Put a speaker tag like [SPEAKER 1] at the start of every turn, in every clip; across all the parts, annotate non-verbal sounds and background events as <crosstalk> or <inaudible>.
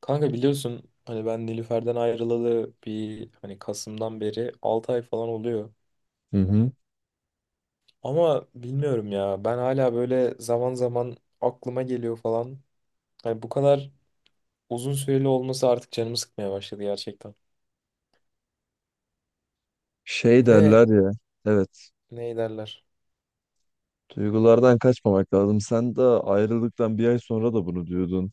[SPEAKER 1] Kanka biliyorsun hani ben Nilüfer'den ayrılalı hani Kasım'dan beri 6 ay falan oluyor.
[SPEAKER 2] Hı hı.
[SPEAKER 1] Ama bilmiyorum ya ben hala böyle zaman zaman aklıma geliyor falan. Hani bu kadar uzun süreli olması artık canımı sıkmaya başladı gerçekten.
[SPEAKER 2] Şey
[SPEAKER 1] Ve
[SPEAKER 2] derler ya. Evet.
[SPEAKER 1] ne derler?
[SPEAKER 2] Duygulardan kaçmamak lazım. Sen de ayrılıktan bir ay sonra da bunu diyordun.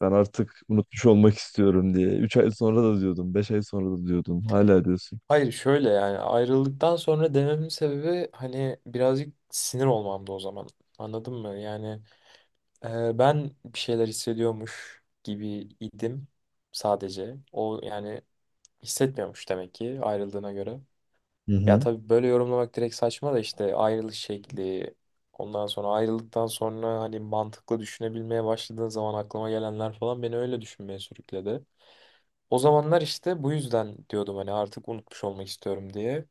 [SPEAKER 2] Ben artık unutmuş olmak istiyorum diye. Üç ay sonra da diyordun. Beş ay sonra da diyordun. Hala diyorsun.
[SPEAKER 1] Hayır, şöyle yani ayrıldıktan sonra dememin sebebi hani birazcık sinir olmamdı o zaman. Anladın mı? Yani ben bir şeyler hissediyormuş gibi idim sadece. O yani hissetmiyormuş demek ki ayrıldığına göre.
[SPEAKER 2] Hı
[SPEAKER 1] Ya
[SPEAKER 2] hı.
[SPEAKER 1] tabii böyle yorumlamak direkt saçma da işte ayrılış şekli, ondan sonra ayrıldıktan sonra hani mantıklı düşünebilmeye başladığın zaman aklıma gelenler falan beni öyle düşünmeye sürükledi. O zamanlar işte bu yüzden diyordum hani artık unutmuş olmak istiyorum diye.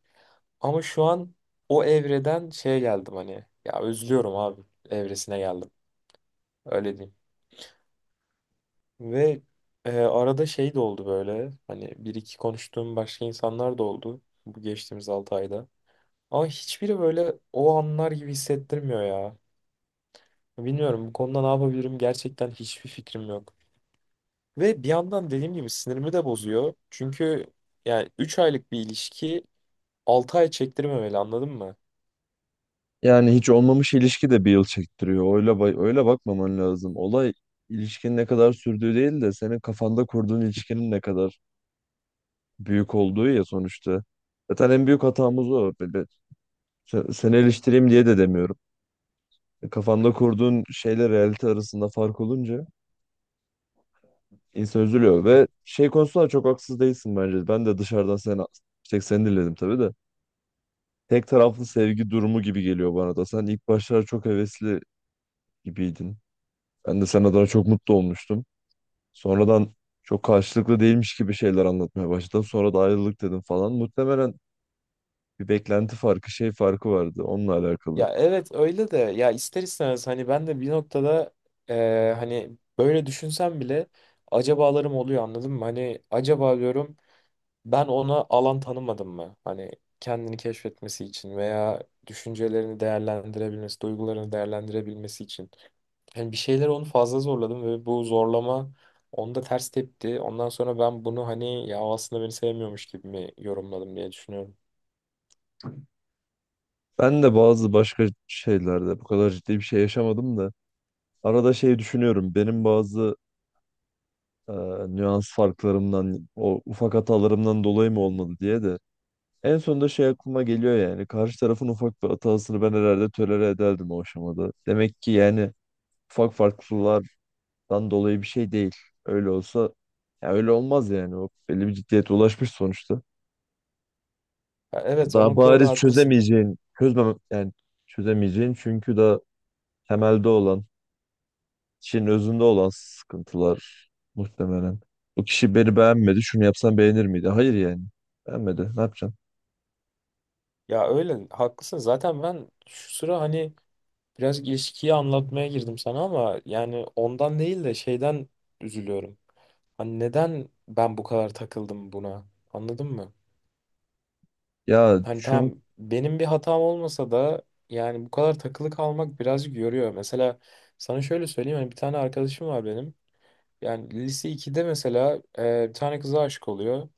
[SPEAKER 1] Ama şu an o evreden şeye geldim, hani ya özlüyorum abi evresine geldim, öyle diyeyim. Ve arada şey de oldu, böyle hani bir iki konuştuğum başka insanlar da oldu bu geçtiğimiz 6 ayda. Ama hiçbiri böyle o anlar gibi hissettirmiyor ya. Bilmiyorum bu konuda ne yapabilirim, gerçekten hiçbir fikrim yok. Ve bir yandan dediğim gibi sinirimi de bozuyor. Çünkü yani 3 aylık bir ilişki 6 ay çektirmemeli, anladın mı?
[SPEAKER 2] Yani hiç olmamış ilişki de bir yıl çektiriyor. Öyle, öyle bakmaman lazım. Olay ilişkinin ne kadar sürdüğü değil de senin kafanda kurduğun ilişkinin ne kadar büyük olduğu ya sonuçta. Zaten en büyük hatamız o. Böyle seni eleştireyim diye de demiyorum. Kafanda kurduğun şeyle realite arasında fark olunca insan üzülüyor ve şey konusunda da çok haksız değilsin bence. Ben de dışarıdan sen tek seni dinledim tabii de. Tek taraflı sevgi durumu gibi geliyor bana da. Sen ilk başlarda çok hevesli gibiydin. Ben de sen adına çok mutlu olmuştum. Sonradan çok karşılıklı değilmiş gibi şeyler anlatmaya başladın. Sonra da ayrılık dedim falan. Muhtemelen bir beklenti farkı, şey farkı vardı onunla alakalı.
[SPEAKER 1] Ya evet öyle de ya, ister istemez hani ben de bir noktada hani böyle düşünsem bile acabalarım oluyor, anladın mı? Hani acaba diyorum, ben ona alan tanımadım mı? Hani kendini keşfetmesi için veya düşüncelerini değerlendirebilmesi, duygularını değerlendirebilmesi için. Yani bir şeyler onu fazla zorladım ve bu zorlama onda ters tepti. Ondan sonra ben bunu hani ya o aslında beni sevmiyormuş gibi mi yorumladım diye düşünüyorum.
[SPEAKER 2] Ben de bazı başka şeylerde bu kadar ciddi bir şey yaşamadım da arada şey düşünüyorum. Benim bazı e, nüans farklarımdan, o ufak hatalarımdan dolayı mı olmadı diye de. En sonunda şey aklıma geliyor yani. Karşı tarafın ufak bir hatasını ben herhalde tolere ederdim o aşamada. Demek ki yani ufak farklılıklardan dolayı bir şey değil. Öyle olsa ya öyle olmaz yani. O belli bir ciddiyete ulaşmış sonuçta.
[SPEAKER 1] Ya evet, o
[SPEAKER 2] Daha
[SPEAKER 1] noktada da
[SPEAKER 2] bariz
[SPEAKER 1] haklısın.
[SPEAKER 2] çözemeyeceğin, çözmem yani çözemeyeceğin çünkü daha temelde olan kişinin özünde olan sıkıntılar muhtemelen. Bu kişi beni beğenmedi. Şunu yapsam beğenir miydi? Hayır yani. Beğenmedi. Ne yapacağım?
[SPEAKER 1] Ya öyle haklısın. Zaten ben şu sıra hani biraz ilişkiyi anlatmaya girdim sana, ama yani ondan değil de şeyden üzülüyorum. Hani neden ben bu kadar takıldım buna? Anladın mı?
[SPEAKER 2] Ya
[SPEAKER 1] Hani
[SPEAKER 2] çünkü
[SPEAKER 1] tamam, benim bir hatam olmasa da yani bu kadar takılı kalmak birazcık yoruyor. Mesela sana şöyle söyleyeyim, hani bir tane arkadaşım var benim. Yani lise ikide mesela bir tane kıza aşık oluyor.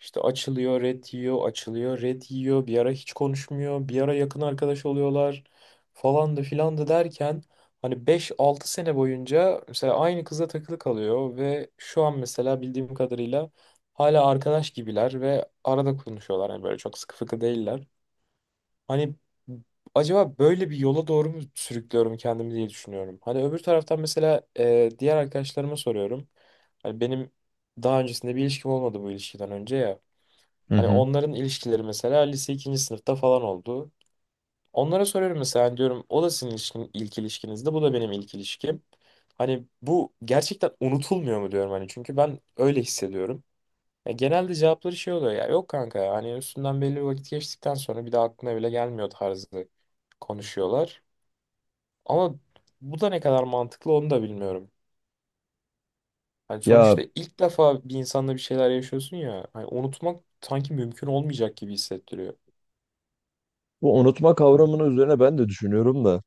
[SPEAKER 1] İşte açılıyor, red yiyor, açılıyor, red yiyor. Bir ara hiç konuşmuyor. Bir ara yakın arkadaş oluyorlar, falan da filan da derken hani beş altı sene boyunca mesela aynı kıza takılı kalıyor ve şu an mesela bildiğim kadarıyla hala arkadaş gibiler ve arada konuşuyorlar. Yani böyle çok sıkı fıkı değiller. Hani acaba böyle bir yola doğru mu sürüklüyorum kendimi diye düşünüyorum. Hani öbür taraftan mesela diğer arkadaşlarıma soruyorum. Hani benim daha öncesinde bir ilişkim olmadı bu ilişkiden önce ya.
[SPEAKER 2] hı
[SPEAKER 1] Hani
[SPEAKER 2] hı.
[SPEAKER 1] onların ilişkileri mesela lise ikinci sınıfta falan oldu. Onlara soruyorum mesela, hani diyorum o da sizin ilişkin, ilk ilişkinizdi, bu da benim ilk ilişkim. Hani bu gerçekten unutulmuyor mu diyorum, hani çünkü ben öyle hissediyorum. Ya genelde cevapları şey oluyor ya. Yok kanka ya, hani üstünden belli bir vakit geçtikten sonra bir de aklına bile gelmiyor tarzı konuşuyorlar. Ama bu da ne kadar mantıklı onu da bilmiyorum. Hani
[SPEAKER 2] Ya
[SPEAKER 1] sonuçta ilk defa bir insanla bir şeyler yaşıyorsun ya. Hani unutmak sanki mümkün olmayacak gibi hissettiriyor.
[SPEAKER 2] bu unutma kavramının üzerine ben de düşünüyorum da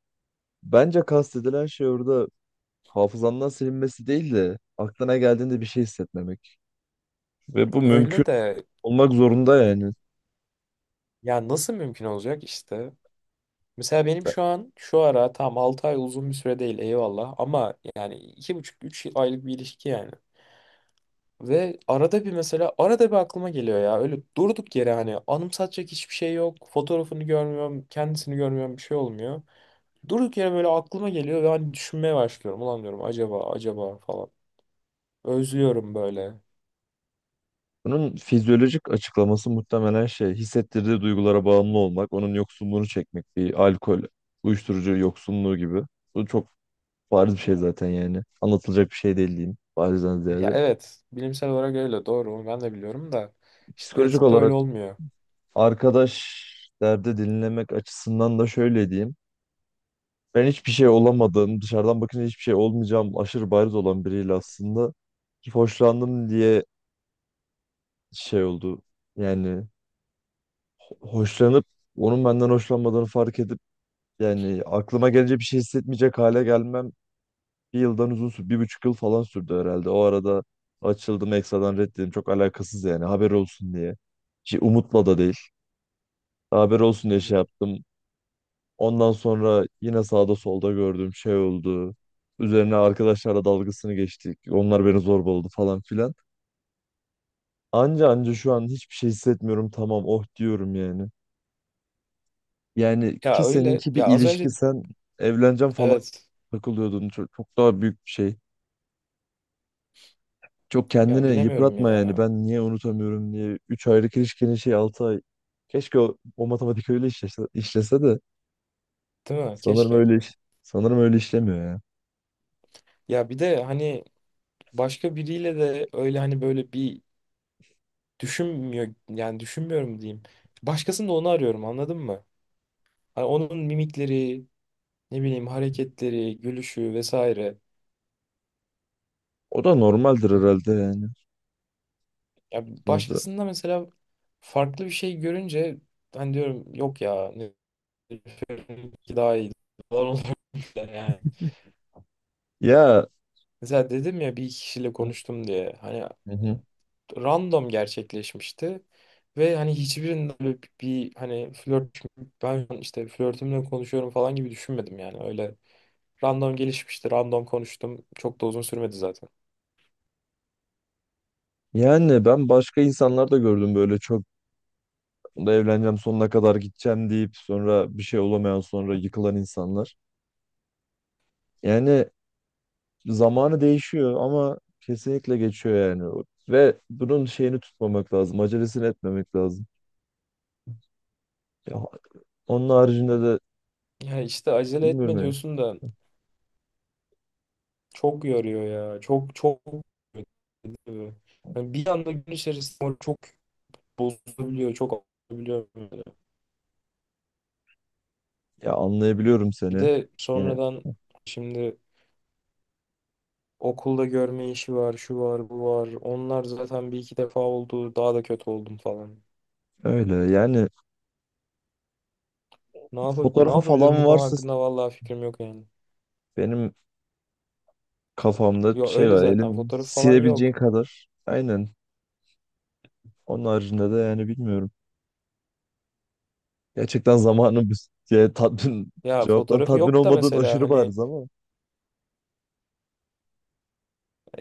[SPEAKER 2] bence kastedilen şey orada hafızandan silinmesi değil de aklına geldiğinde bir şey hissetmemek. Ve bu mümkün
[SPEAKER 1] Öyle de
[SPEAKER 2] olmak zorunda yani.
[SPEAKER 1] ya, nasıl mümkün olacak işte. Mesela benim şu an şu ara tam 6 ay, uzun bir süre değil eyvallah, ama yani iki buçuk üç aylık bir ilişki yani. Ve arada bir mesela, arada bir aklıma geliyor ya, öyle durduk yere, hani anımsatacak hiçbir şey yok. Fotoğrafını görmüyorum, kendisini görmüyorum, bir şey olmuyor. Durduk yere böyle aklıma geliyor ve hani düşünmeye başlıyorum. Ulan diyorum, acaba acaba falan. Özlüyorum böyle.
[SPEAKER 2] Bunun fizyolojik açıklaması muhtemelen şey hissettirdiği duygulara bağımlı olmak, onun yoksunluğunu çekmek, bir alkol, uyuşturucu yoksunluğu gibi. Bu çok bariz bir şey zaten yani. Anlatılacak bir şey değil diyeyim. Barizden
[SPEAKER 1] Ya
[SPEAKER 2] ziyade.
[SPEAKER 1] evet, bilimsel olarak öyle doğru, onu ben de biliyorum da işte
[SPEAKER 2] Psikolojik
[SPEAKER 1] pratikte öyle
[SPEAKER 2] olarak
[SPEAKER 1] olmuyor.
[SPEAKER 2] arkadaş derdi dinlemek açısından da şöyle diyeyim. Ben hiçbir şey olamadığım, dışarıdan bakınca hiçbir şey olmayacağım aşırı bariz olan biriyle aslında hoşlandım diye şey oldu. Yani hoşlanıp onun benden hoşlanmadığını fark edip yani aklıma gelince bir şey hissetmeyecek hale gelmem bir yıldan uzun sürdü. Bir buçuk yıl falan sürdü herhalde. O arada açıldım Exa'dan reddedildim. Çok alakasız yani. Haber olsun diye. Şey, umutla da değil. Haber olsun diye şey
[SPEAKER 1] Anladım.
[SPEAKER 2] yaptım. Ondan sonra yine sağda solda gördüğüm şey oldu. Üzerine arkadaşlarla dalgasını geçtik. Onlar beni zorbaladı falan filan. Anca anca şu an hiçbir şey hissetmiyorum. Tamam oh diyorum yani. Yani ki
[SPEAKER 1] Ya öyle
[SPEAKER 2] seninki bir
[SPEAKER 1] ya, az
[SPEAKER 2] ilişki,
[SPEAKER 1] önce
[SPEAKER 2] sen evleneceğim falan
[SPEAKER 1] evet,
[SPEAKER 2] takılıyordun. Çok, çok daha büyük bir şey. Çok
[SPEAKER 1] ya
[SPEAKER 2] kendini
[SPEAKER 1] bilemiyorum
[SPEAKER 2] yıpratma yani.
[SPEAKER 1] ya,
[SPEAKER 2] Ben niye unutamıyorum diye. 3 aylık ilişkinin şey 6 ay. Keşke o matematik öyle işlese, işlese de
[SPEAKER 1] değil mi
[SPEAKER 2] sanırım
[SPEAKER 1] keşke.
[SPEAKER 2] sanırım öyle işlemiyor ya.
[SPEAKER 1] Ya bir de hani başka biriyle de öyle hani böyle bir düşünmüyor, yani düşünmüyorum diyeyim. Başkasında onu arıyorum, anladın mı? Hani onun mimikleri, ne bileyim hareketleri, gülüşü vesaire.
[SPEAKER 2] O da normaldir herhalde yani.
[SPEAKER 1] Ya
[SPEAKER 2] Sonuçta
[SPEAKER 1] başkasında mesela farklı bir şey görünce hani diyorum yok ya ki daha iyi <laughs> falan olabilir yani.
[SPEAKER 2] ya
[SPEAKER 1] Mesela dedim ya, bir iki kişiyle konuştum diye. Hani
[SPEAKER 2] hı hı.
[SPEAKER 1] random gerçekleşmişti. Ve hani hiçbirinde böyle bir hani flört, ben işte flörtümle konuşuyorum falan gibi düşünmedim, yani öyle. Random gelişmişti. Random konuştum. Çok da uzun sürmedi zaten.
[SPEAKER 2] Yani ben başka insanlar da gördüm böyle çok da evleneceğim sonuna kadar gideceğim deyip sonra bir şey olamayan sonra yıkılan insanlar. Yani zamanı değişiyor ama kesinlikle geçiyor yani. Ve bunun şeyini tutmamak lazım, acelesini etmemek lazım. Ya onun haricinde de
[SPEAKER 1] Ya işte acele
[SPEAKER 2] bilmiyorum
[SPEAKER 1] etme
[SPEAKER 2] ya.
[SPEAKER 1] diyorsun da çok yoruyor ya. Çok çok yoruyor. Yani bir anda gün içerisinde çok bozulabiliyor. Çok olabiliyor böyle.
[SPEAKER 2] Ya anlayabiliyorum
[SPEAKER 1] Bir
[SPEAKER 2] seni.
[SPEAKER 1] de
[SPEAKER 2] Yine
[SPEAKER 1] sonradan şimdi okulda görme işi var, şu var, bu var. Onlar zaten bir iki defa oldu. Daha da kötü oldum falan.
[SPEAKER 2] öyle. Yani
[SPEAKER 1] Ne
[SPEAKER 2] fotoğrafı
[SPEAKER 1] yapabilirim
[SPEAKER 2] falan
[SPEAKER 1] bu konu
[SPEAKER 2] varsa
[SPEAKER 1] hakkında, vallahi fikrim yok yani.
[SPEAKER 2] benim kafamda
[SPEAKER 1] Yo,
[SPEAKER 2] şey
[SPEAKER 1] öyle
[SPEAKER 2] var.
[SPEAKER 1] zaten
[SPEAKER 2] Elin
[SPEAKER 1] fotoğraf falan
[SPEAKER 2] silebileceğin
[SPEAKER 1] yok.
[SPEAKER 2] kadar. Aynen. Onun haricinde de yani bilmiyorum. Gerçekten zamanın bir <laughs> şey, tatmin
[SPEAKER 1] Ya
[SPEAKER 2] cevaptan
[SPEAKER 1] fotoğrafı
[SPEAKER 2] tatmin
[SPEAKER 1] yok da
[SPEAKER 2] olmadığın
[SPEAKER 1] mesela
[SPEAKER 2] aşırı
[SPEAKER 1] hani
[SPEAKER 2] bariz ama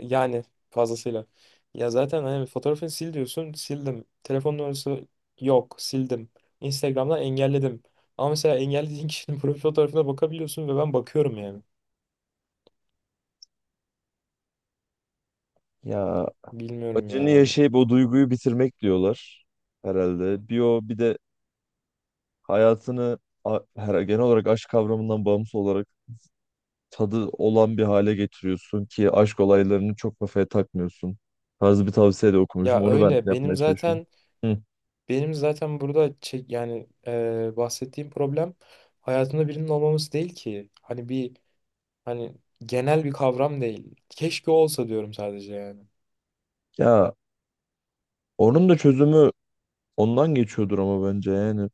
[SPEAKER 1] yani fazlasıyla. Ya zaten hani fotoğrafını sil diyorsun, sildim. Telefon numarası yok, sildim. Instagram'dan engelledim. Ama mesela engellediğin kişinin <laughs> profil fotoğrafına bakabiliyorsun ve ben bakıyorum yani.
[SPEAKER 2] ya
[SPEAKER 1] Bilmiyorum
[SPEAKER 2] acını
[SPEAKER 1] ya.
[SPEAKER 2] yaşayıp o duyguyu bitirmek diyorlar herhalde. Bir o bir de her genel olarak aşk kavramından bağımsız olarak tadı olan bir hale getiriyorsun ki aşk olaylarını çok kafaya takmıyorsun. Tarzı bir tavsiye de okumuşum.
[SPEAKER 1] Ya
[SPEAKER 2] Onu ben
[SPEAKER 1] öyle benim
[SPEAKER 2] yapmaya çalışıyorum.
[SPEAKER 1] zaten,
[SPEAKER 2] Hı.
[SPEAKER 1] benim zaten burada çek, yani bahsettiğim problem hayatında birinin olmaması değil ki. Hani bir, hani genel bir kavram değil. Keşke olsa diyorum sadece yani.
[SPEAKER 2] Ya onun da çözümü ondan geçiyordur ama bence yani.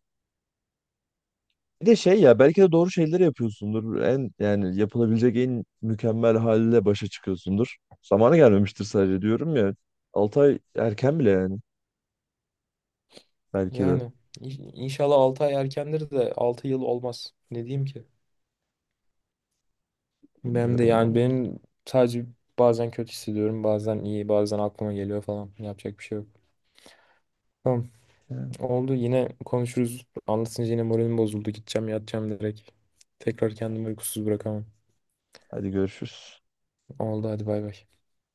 [SPEAKER 2] Bir de şey ya belki de doğru şeyleri yapıyorsundur. En yani yapılabilecek en mükemmel haliyle başa çıkıyorsundur. Zamanı gelmemiştir sadece diyorum ya. 6 ay erken bile yani belki de.
[SPEAKER 1] Yani inşallah 6 ay erkendir de 6 yıl olmaz. Ne diyeyim ki? Ben de
[SPEAKER 2] Bilmiyorum
[SPEAKER 1] yani,
[SPEAKER 2] ama.
[SPEAKER 1] benim sadece bazen kötü hissediyorum, bazen iyi, bazen aklıma geliyor falan. Yapacak bir şey yok. Tamam.
[SPEAKER 2] Yani.
[SPEAKER 1] Oldu. Yine konuşuruz. Anlatınca yine moralim bozuldu. Gideceğim, yatacağım direkt. Tekrar kendimi uykusuz bırakamam.
[SPEAKER 2] Hadi görüşürüz.
[SPEAKER 1] Oldu. Hadi bay bay.